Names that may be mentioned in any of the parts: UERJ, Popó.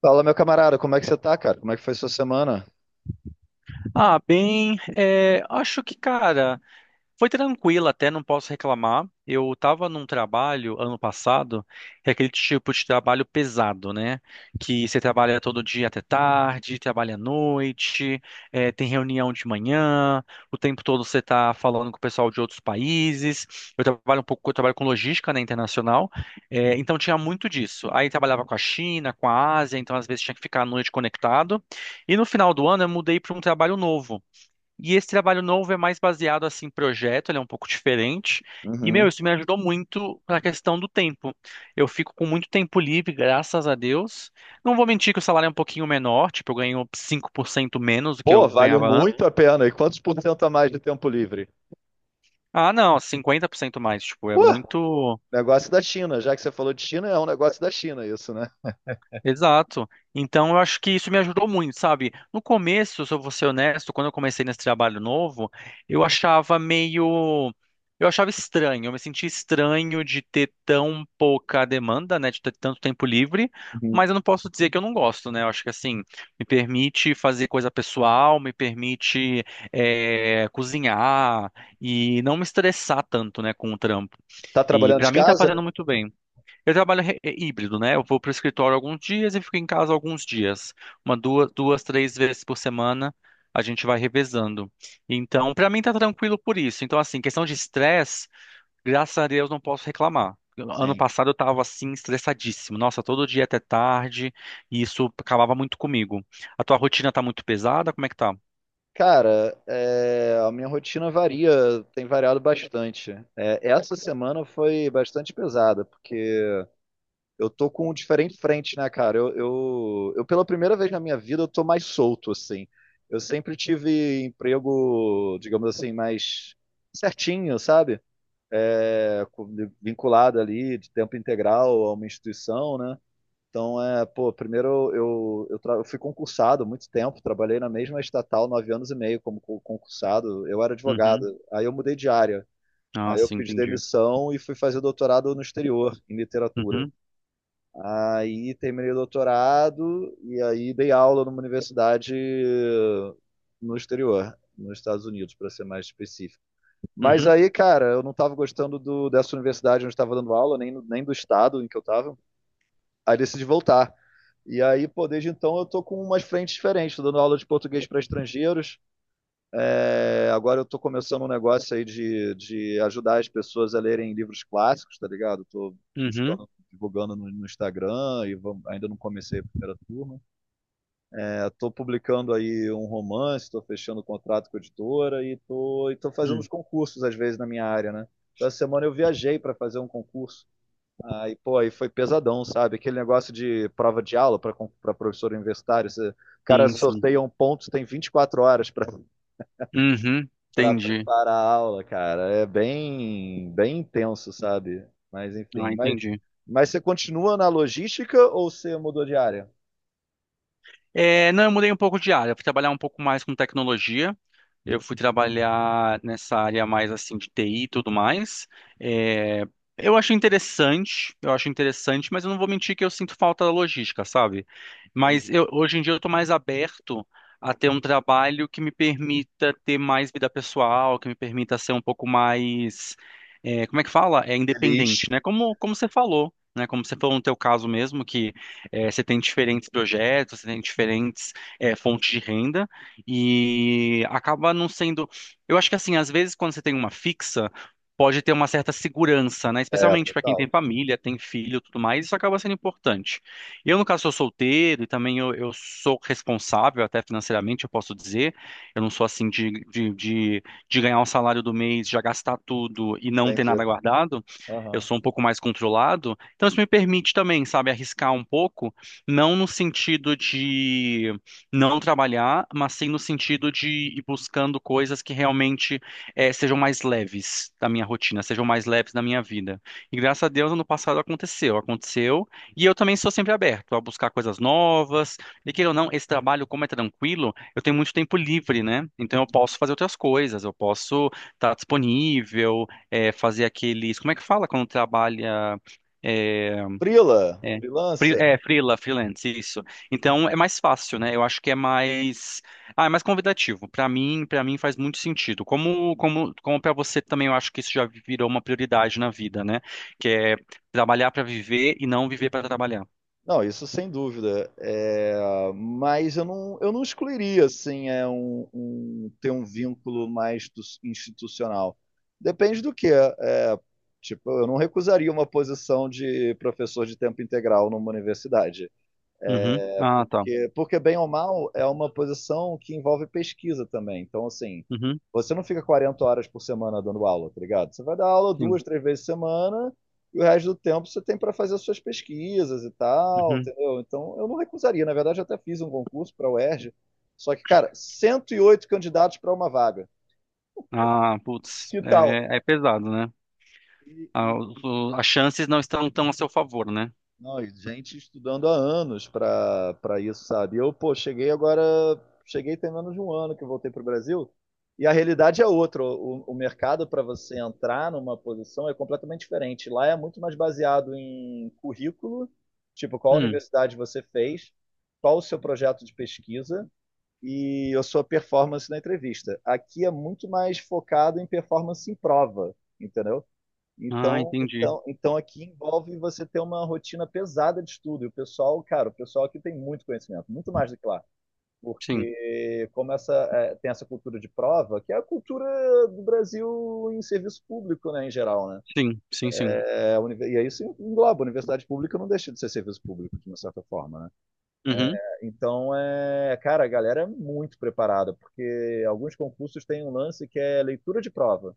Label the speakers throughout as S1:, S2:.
S1: Fala, meu camarada, como é que você tá, cara? Como é que foi sua semana?
S2: Acho que, cara, foi tranquila até, não posso reclamar. Eu estava num trabalho ano passado, que é aquele tipo de trabalho pesado, né? Que você trabalha todo dia até tarde, trabalha à noite, tem reunião de manhã, o tempo todo você está falando com o pessoal de outros países. Eu trabalho um pouco, eu trabalho com logística, né, internacional, então tinha muito disso. Aí trabalhava com a China, com a Ásia, então às vezes tinha que ficar à noite conectado. E no final do ano eu mudei para um trabalho novo. E esse trabalho novo é mais baseado assim em projeto, ele é um pouco diferente. E, meu,
S1: Uhum.
S2: isso me ajudou muito na questão do tempo. Eu fico com muito tempo livre, graças a Deus. Não vou mentir que o salário é um pouquinho menor, tipo, eu ganho 5% menos do que
S1: Pô,
S2: eu
S1: vale
S2: ganhava antes.
S1: muito a pena. E quantos por cento a mais de tempo livre?
S2: Ah, não, 50% mais, tipo, é
S1: Pô,
S2: muito.
S1: negócio da China. Já que você falou de China, é um negócio da China isso, né?
S2: Exato. Então, eu acho que isso me ajudou muito, sabe? No começo, se eu vou ser honesto, quando eu comecei nesse trabalho novo, eu achava meio. Eu achava estranho, eu me sentia estranho de ter tão pouca demanda, né? De ter tanto tempo livre,
S1: Uhum.
S2: mas eu não posso dizer que eu não gosto, né? Eu acho que assim, me permite fazer coisa pessoal, me permite cozinhar e não me estressar tanto, né, com o trampo.
S1: Tá
S2: E
S1: trabalhando
S2: pra
S1: de
S2: mim tá
S1: casa?
S2: fazendo muito bem. Eu trabalho é híbrido, né? Eu vou para o escritório alguns dias e fico em casa alguns dias. Uma, duas, duas, três vezes por semana a gente vai revezando. Então, para mim tá tranquilo por isso. Então, assim, questão de estresse, graças a Deus não posso reclamar. Ano
S1: Sim.
S2: passado eu tava assim, estressadíssimo. Nossa, todo dia até tarde, e isso acabava muito comigo. A tua rotina tá muito pesada? Como é que tá?
S1: Cara, é, a minha rotina varia, tem variado bastante. É, essa semana foi bastante pesada, porque eu tô com um diferente frente, né, cara? Eu, pela primeira vez na minha vida, eu tô mais solto, assim. Eu sempre tive emprego, digamos assim, mais certinho, sabe? É, vinculado ali de tempo integral a uma instituição, né? Então, é, pô, primeiro eu fui concursado há muito tempo, trabalhei na mesma estatal 9 anos e meio como concursado, eu era advogado,
S2: Uhum.
S1: aí eu mudei de área,
S2: Ah,
S1: aí eu
S2: sim,
S1: pedi
S2: entendi.
S1: demissão e fui fazer doutorado no exterior, em literatura.
S2: Uhum,
S1: Aí terminei o doutorado e aí dei aula numa universidade no exterior, nos Estados Unidos, para ser mais específico. Mas
S2: uhum,
S1: aí, cara, eu não estava gostando dessa universidade onde estava dando aula, nem do estado em que eu estava. Aí decidi voltar. E aí, pô, desde então eu tô com umas frentes diferentes, tô dando aula de português para estrangeiros, é, agora eu tô começando um negócio aí de ajudar as pessoas a lerem livros clássicos, tá ligado? Tô
S2: uhum,
S1: buscando, divulgando no Instagram e ainda não comecei a primeira turma. É, tô publicando aí um romance, tô fechando o contrato com a editora e e tô fazendo
S2: uhum.
S1: uns concursos às vezes na minha área, né? Então, essa semana eu viajei para fazer um concurso. Aí, pô, aí foi pesadão, sabe? Aquele negócio de prova de aula para professor universitário. Você, o cara
S2: Sim, sim.
S1: sorteia um ponto, você tem 24 horas para
S2: Uhum,
S1: para
S2: entendi.
S1: preparar a aula, cara. É bem, bem intenso, sabe? Mas
S2: Ah,
S1: enfim, mas,
S2: entendi.
S1: mas você continua na logística ou você mudou de área?
S2: É, não, eu mudei um pouco de área. Eu fui trabalhar um pouco mais com tecnologia. Eu fui trabalhar nessa área mais assim de TI e tudo mais. É, eu acho interessante, mas eu não vou mentir que eu sinto falta da logística, sabe?
S1: Entendi.
S2: Hoje em dia eu estou mais aberto a ter um trabalho que me permita ter mais vida pessoal, que me permita ser um pouco mais, é, como é que fala? É
S1: Feliz.
S2: independente, né? Como, como você falou. Né, como você falou no teu caso mesmo, que é, você tem diferentes projetos, você tem diferentes fontes de renda, e acaba não sendo. Eu acho que assim, às vezes quando você tem uma fixa, pode ter uma certa segurança, né?
S1: É,
S2: Especialmente para quem tem
S1: total.
S2: família, tem filho, e tudo mais, isso acaba sendo importante. Eu, no caso, sou solteiro e também eu sou responsável, até financeiramente, eu posso dizer. Eu não sou assim de ganhar o salário do mês, já gastar tudo e não ter
S1: Entendi.
S2: nada guardado. Eu
S1: Aham.
S2: sou um pouco mais controlado, então isso me permite também, sabe, arriscar um pouco, não no sentido de não trabalhar, mas sim no sentido de ir buscando coisas que realmente sejam mais leves da minha rotina, sejam mais leves da minha vida. E graças a Deus, ano passado aconteceu, aconteceu. E eu também sou sempre aberto a buscar coisas novas. E queira ou não, esse trabalho, como é tranquilo, eu tenho muito tempo livre, né? Então eu posso fazer outras coisas, eu posso estar disponível, fazer aqueles. Como é que fala quando trabalha? eh,
S1: Frila,
S2: é,
S1: freelancer.
S2: é freela, freelance, isso. Então é mais fácil, né? Eu acho que é mais, ah, é mais convidativo. Pra mim, para mim faz muito sentido. Como para você também, eu acho que isso já virou uma prioridade na vida, né? Que é trabalhar pra viver e não viver pra trabalhar.
S1: Não, isso sem dúvida. É, mas eu não excluiria assim, é ter um vínculo mais institucional. Depende do que. É, tipo, eu não recusaria uma posição de professor de tempo integral numa universidade.
S2: Uhum. Ah, tá.
S1: Porque, bem ou mal, é uma posição que envolve pesquisa também. Então, assim,
S2: Uhum.
S1: você não fica 40 horas por semana dando aula, tá ligado? Você vai dar aula
S2: Sim.
S1: duas, três vezes por semana e o resto do tempo você tem para fazer as suas pesquisas e tal,
S2: Uhum.
S1: entendeu? Então, eu não recusaria. Na verdade, eu até fiz um concurso para a UERJ, só que, cara, 108 candidatos para uma vaga.
S2: Ah, putz,
S1: Que tal?
S2: é, é pesado, né?
S1: E,
S2: Ah,
S1: e
S2: as chances não estão tão a seu favor, né?
S1: Não, e gente estudando há anos para isso, sabe? Eu, pô, cheguei agora, cheguei tem menos de um ano que eu voltei para o Brasil, e a realidade é outra. O mercado para você entrar numa posição é completamente diferente. Lá é muito mais baseado em currículo, tipo, qual
S2: Hum.
S1: universidade você fez, qual o seu projeto de pesquisa e a sua performance na entrevista. Aqui é muito mais focado em performance em prova, entendeu?
S2: Ah,
S1: Então,
S2: entendi.
S1: então, então aqui envolve você ter uma rotina pesada de estudo. E o pessoal, cara, o pessoal aqui tem muito conhecimento, muito mais do que lá.
S2: Sim,
S1: Porque como essa, tem essa cultura de prova, que é a cultura do Brasil em serviço público, né, em geral, né?
S2: sim, sim, sim.
S1: É, e aí isso engloba, a universidade pública não deixa de ser serviço público, de uma certa forma, né?
S2: Uhum.
S1: É, então, é, cara, a galera é muito preparada, porque alguns concursos têm um lance que é leitura de prova.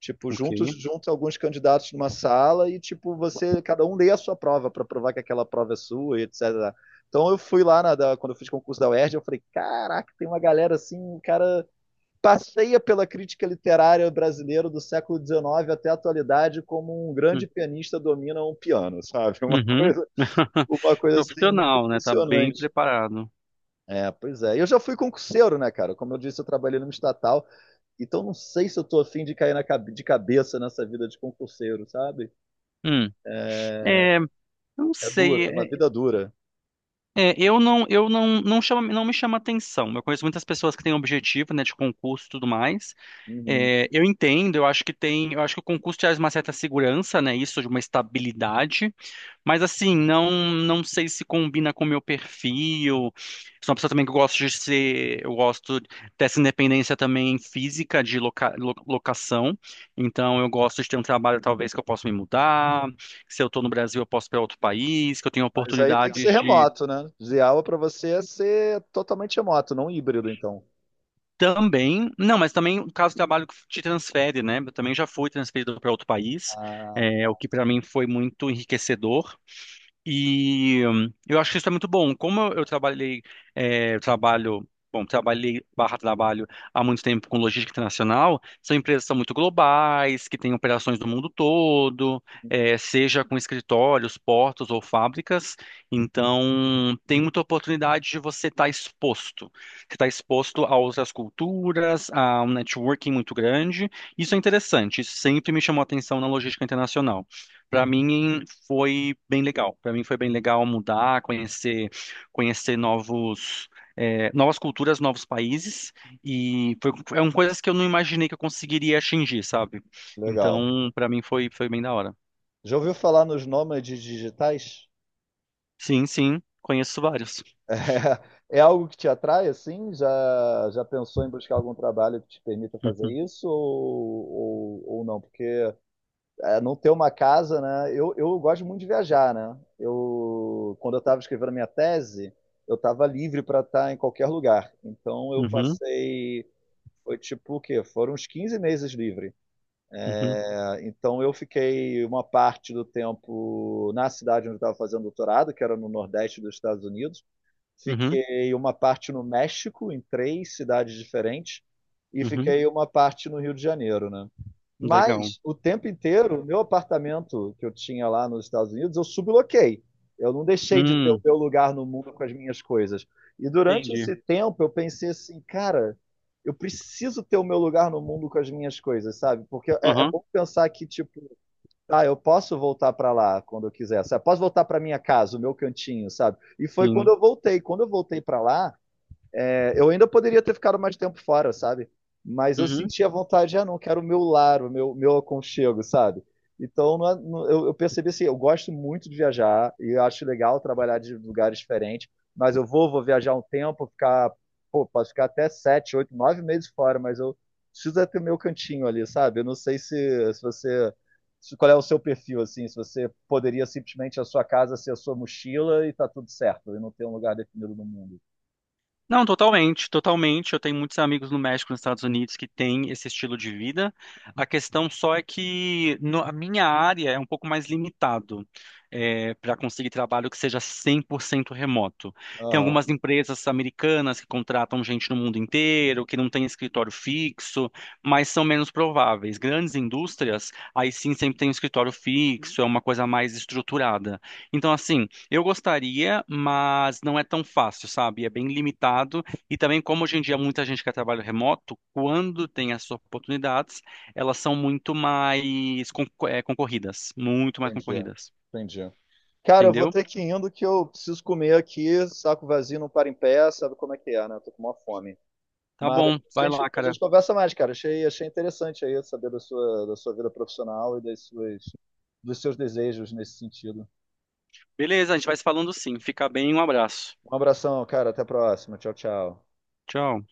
S1: Tipo,
S2: Ok.
S1: juntos, junta alguns candidatos numa sala e, tipo, você, cada um lê a sua prova para provar que aquela prova é sua, e etc. Então eu fui lá quando eu fiz concurso da UERJ, eu falei, caraca, tem uma galera assim, o cara passeia pela crítica literária brasileira do século XIX até a atualidade como um grande
S2: Hum.
S1: pianista domina um piano, sabe? Uma
S2: Uhum.
S1: coisa, uma coisa assim muito
S2: Profissional, né? Tá bem
S1: impressionante.
S2: preparado.
S1: É, pois é. Eu já fui concurseiro, né, cara? Como eu disse, eu trabalhei numa estatal. Então não sei se eu tô afim de cair de cabeça nessa vida de concurseiro, sabe?
S2: Hum. É, eu não
S1: É dura,
S2: sei.
S1: é uma vida dura.
S2: Eu não, não chama, não me chama atenção. Eu conheço muitas pessoas que têm objetivo, né, de concurso e tudo mais.
S1: Uhum.
S2: É, eu entendo. Eu acho que tem, eu acho que o concurso traz uma certa segurança, né? Isso de uma estabilidade. Mas assim, não sei se combina com o meu perfil. Sou uma pessoa também que eu gosto de ser, eu gosto dessa independência também física de locação. Então eu gosto de ter um trabalho talvez que eu possa me mudar, que se eu estou no Brasil eu posso ir para outro país, que eu tenho
S1: Mas aí tem que
S2: oportunidades
S1: ser
S2: de
S1: remoto, né? Ziaula pra você é ser totalmente remoto, não híbrido, então.
S2: também, não, mas também o caso do trabalho que te transfere, né? Eu também já fui transferido para outro país,
S1: Ah,
S2: é, o que para mim foi muito enriquecedor. E eu acho que isso é muito bom. Como eu trabalhei, é, eu trabalho, bom, trabalhei, barra trabalho há muito tempo com logística internacional, são empresas que são muito globais, que têm operações do mundo todo, é, seja com escritórios, portos ou fábricas. Então, tem muita oportunidade de você estar exposto. Você está exposto a outras culturas, a um networking muito grande. Isso é interessante, isso sempre me chamou a atenção na logística internacional. Para mim, foi bem legal. Para mim foi bem legal mudar, conhecer, conhecer novos, novas culturas, novos países e foi, eram coisas que eu não imaginei que eu conseguiria atingir, sabe?
S1: legal.
S2: Então, para mim foi bem da hora.
S1: Já ouviu falar nos nômades digitais?
S2: Sim, sim, conheço vários.
S1: É algo que te atrai, assim? Já pensou em buscar algum trabalho que te permita fazer
S2: Uhum,
S1: isso ou, ou não? Porque é, não ter uma casa, né? Eu gosto muito de viajar, né? Eu, quando eu estava escrevendo a minha tese, eu estava livre para estar em qualquer lugar. Então eu
S2: uhum,
S1: passei, foi tipo o quê? Foram uns 15 meses livre.
S2: uhum,
S1: É, então eu fiquei uma parte do tempo na cidade onde eu estava fazendo doutorado, que era no Nordeste dos Estados Unidos.
S2: uhum,
S1: Fiquei uma parte no México, em três cidades diferentes, e
S2: uhum,
S1: fiquei uma parte no Rio de Janeiro, né?
S2: legal.
S1: Mas o tempo inteiro, o meu apartamento que eu tinha lá nos Estados Unidos, eu subloquei. Eu não deixei de ter o
S2: Hum,
S1: meu lugar no mundo com as minhas coisas. E durante
S2: entendi.
S1: esse tempo, eu pensei assim, cara, eu preciso ter o meu lugar no mundo com as minhas coisas, sabe? Porque é
S2: Aham,
S1: bom pensar que, tipo, tá eu posso voltar para lá quando eu quiser, sabe? Posso voltar para minha casa, o meu cantinho, sabe? E foi quando
S2: sim.
S1: eu voltei. Quando eu voltei para lá, eu ainda poderia ter ficado mais tempo fora, sabe? Mas eu
S2: Uhum.
S1: senti a vontade, ah, não, quero o meu lar, o meu aconchego, sabe? Então, eu percebi assim, eu gosto muito de viajar e eu acho legal trabalhar de lugares diferentes, mas eu vou viajar um tempo, ficar, pô, posso ficar até 7, 8, 9 meses fora, mas eu preciso é ter o meu cantinho ali, sabe? Eu não sei se você, qual é o seu perfil, assim, se você poderia simplesmente a sua casa ser a sua mochila e tá tudo certo, e não ter um lugar definido no mundo.
S2: Não, totalmente, totalmente. Eu tenho muitos amigos no México, nos Estados Unidos, que têm esse estilo de vida. A questão só é que a minha área é um pouco mais limitado para conseguir trabalho que seja 100% remoto. Tem algumas empresas americanas que contratam gente no mundo inteiro, que não tem escritório fixo, mas são menos prováveis. Grandes indústrias, aí sim sempre tem um escritório fixo, é uma coisa mais estruturada. Então, assim, eu gostaria, mas não é tão fácil, sabe? É bem limitado. E também, como hoje em dia muita gente quer trabalho remoto, quando tem essas oportunidades, elas são muito mais concorridas, muito mais
S1: Entendi,
S2: concorridas,
S1: entendi. Cara, eu vou
S2: entendeu?
S1: ter que ir indo que eu preciso comer aqui, saco vazio não para em pé, sabe como é que é, né? Tô com uma fome.
S2: Tá
S1: Mas
S2: bom,
S1: depois a
S2: vai
S1: gente,
S2: lá,
S1: a
S2: cara.
S1: gente conversa mais, cara. Achei interessante aí saber da sua vida profissional e das suas, dos seus desejos nesse sentido.
S2: Beleza, a gente vai se falando sim. Fica bem, um abraço.
S1: Um abração, cara. Até a próxima. Tchau, tchau.
S2: Tchau.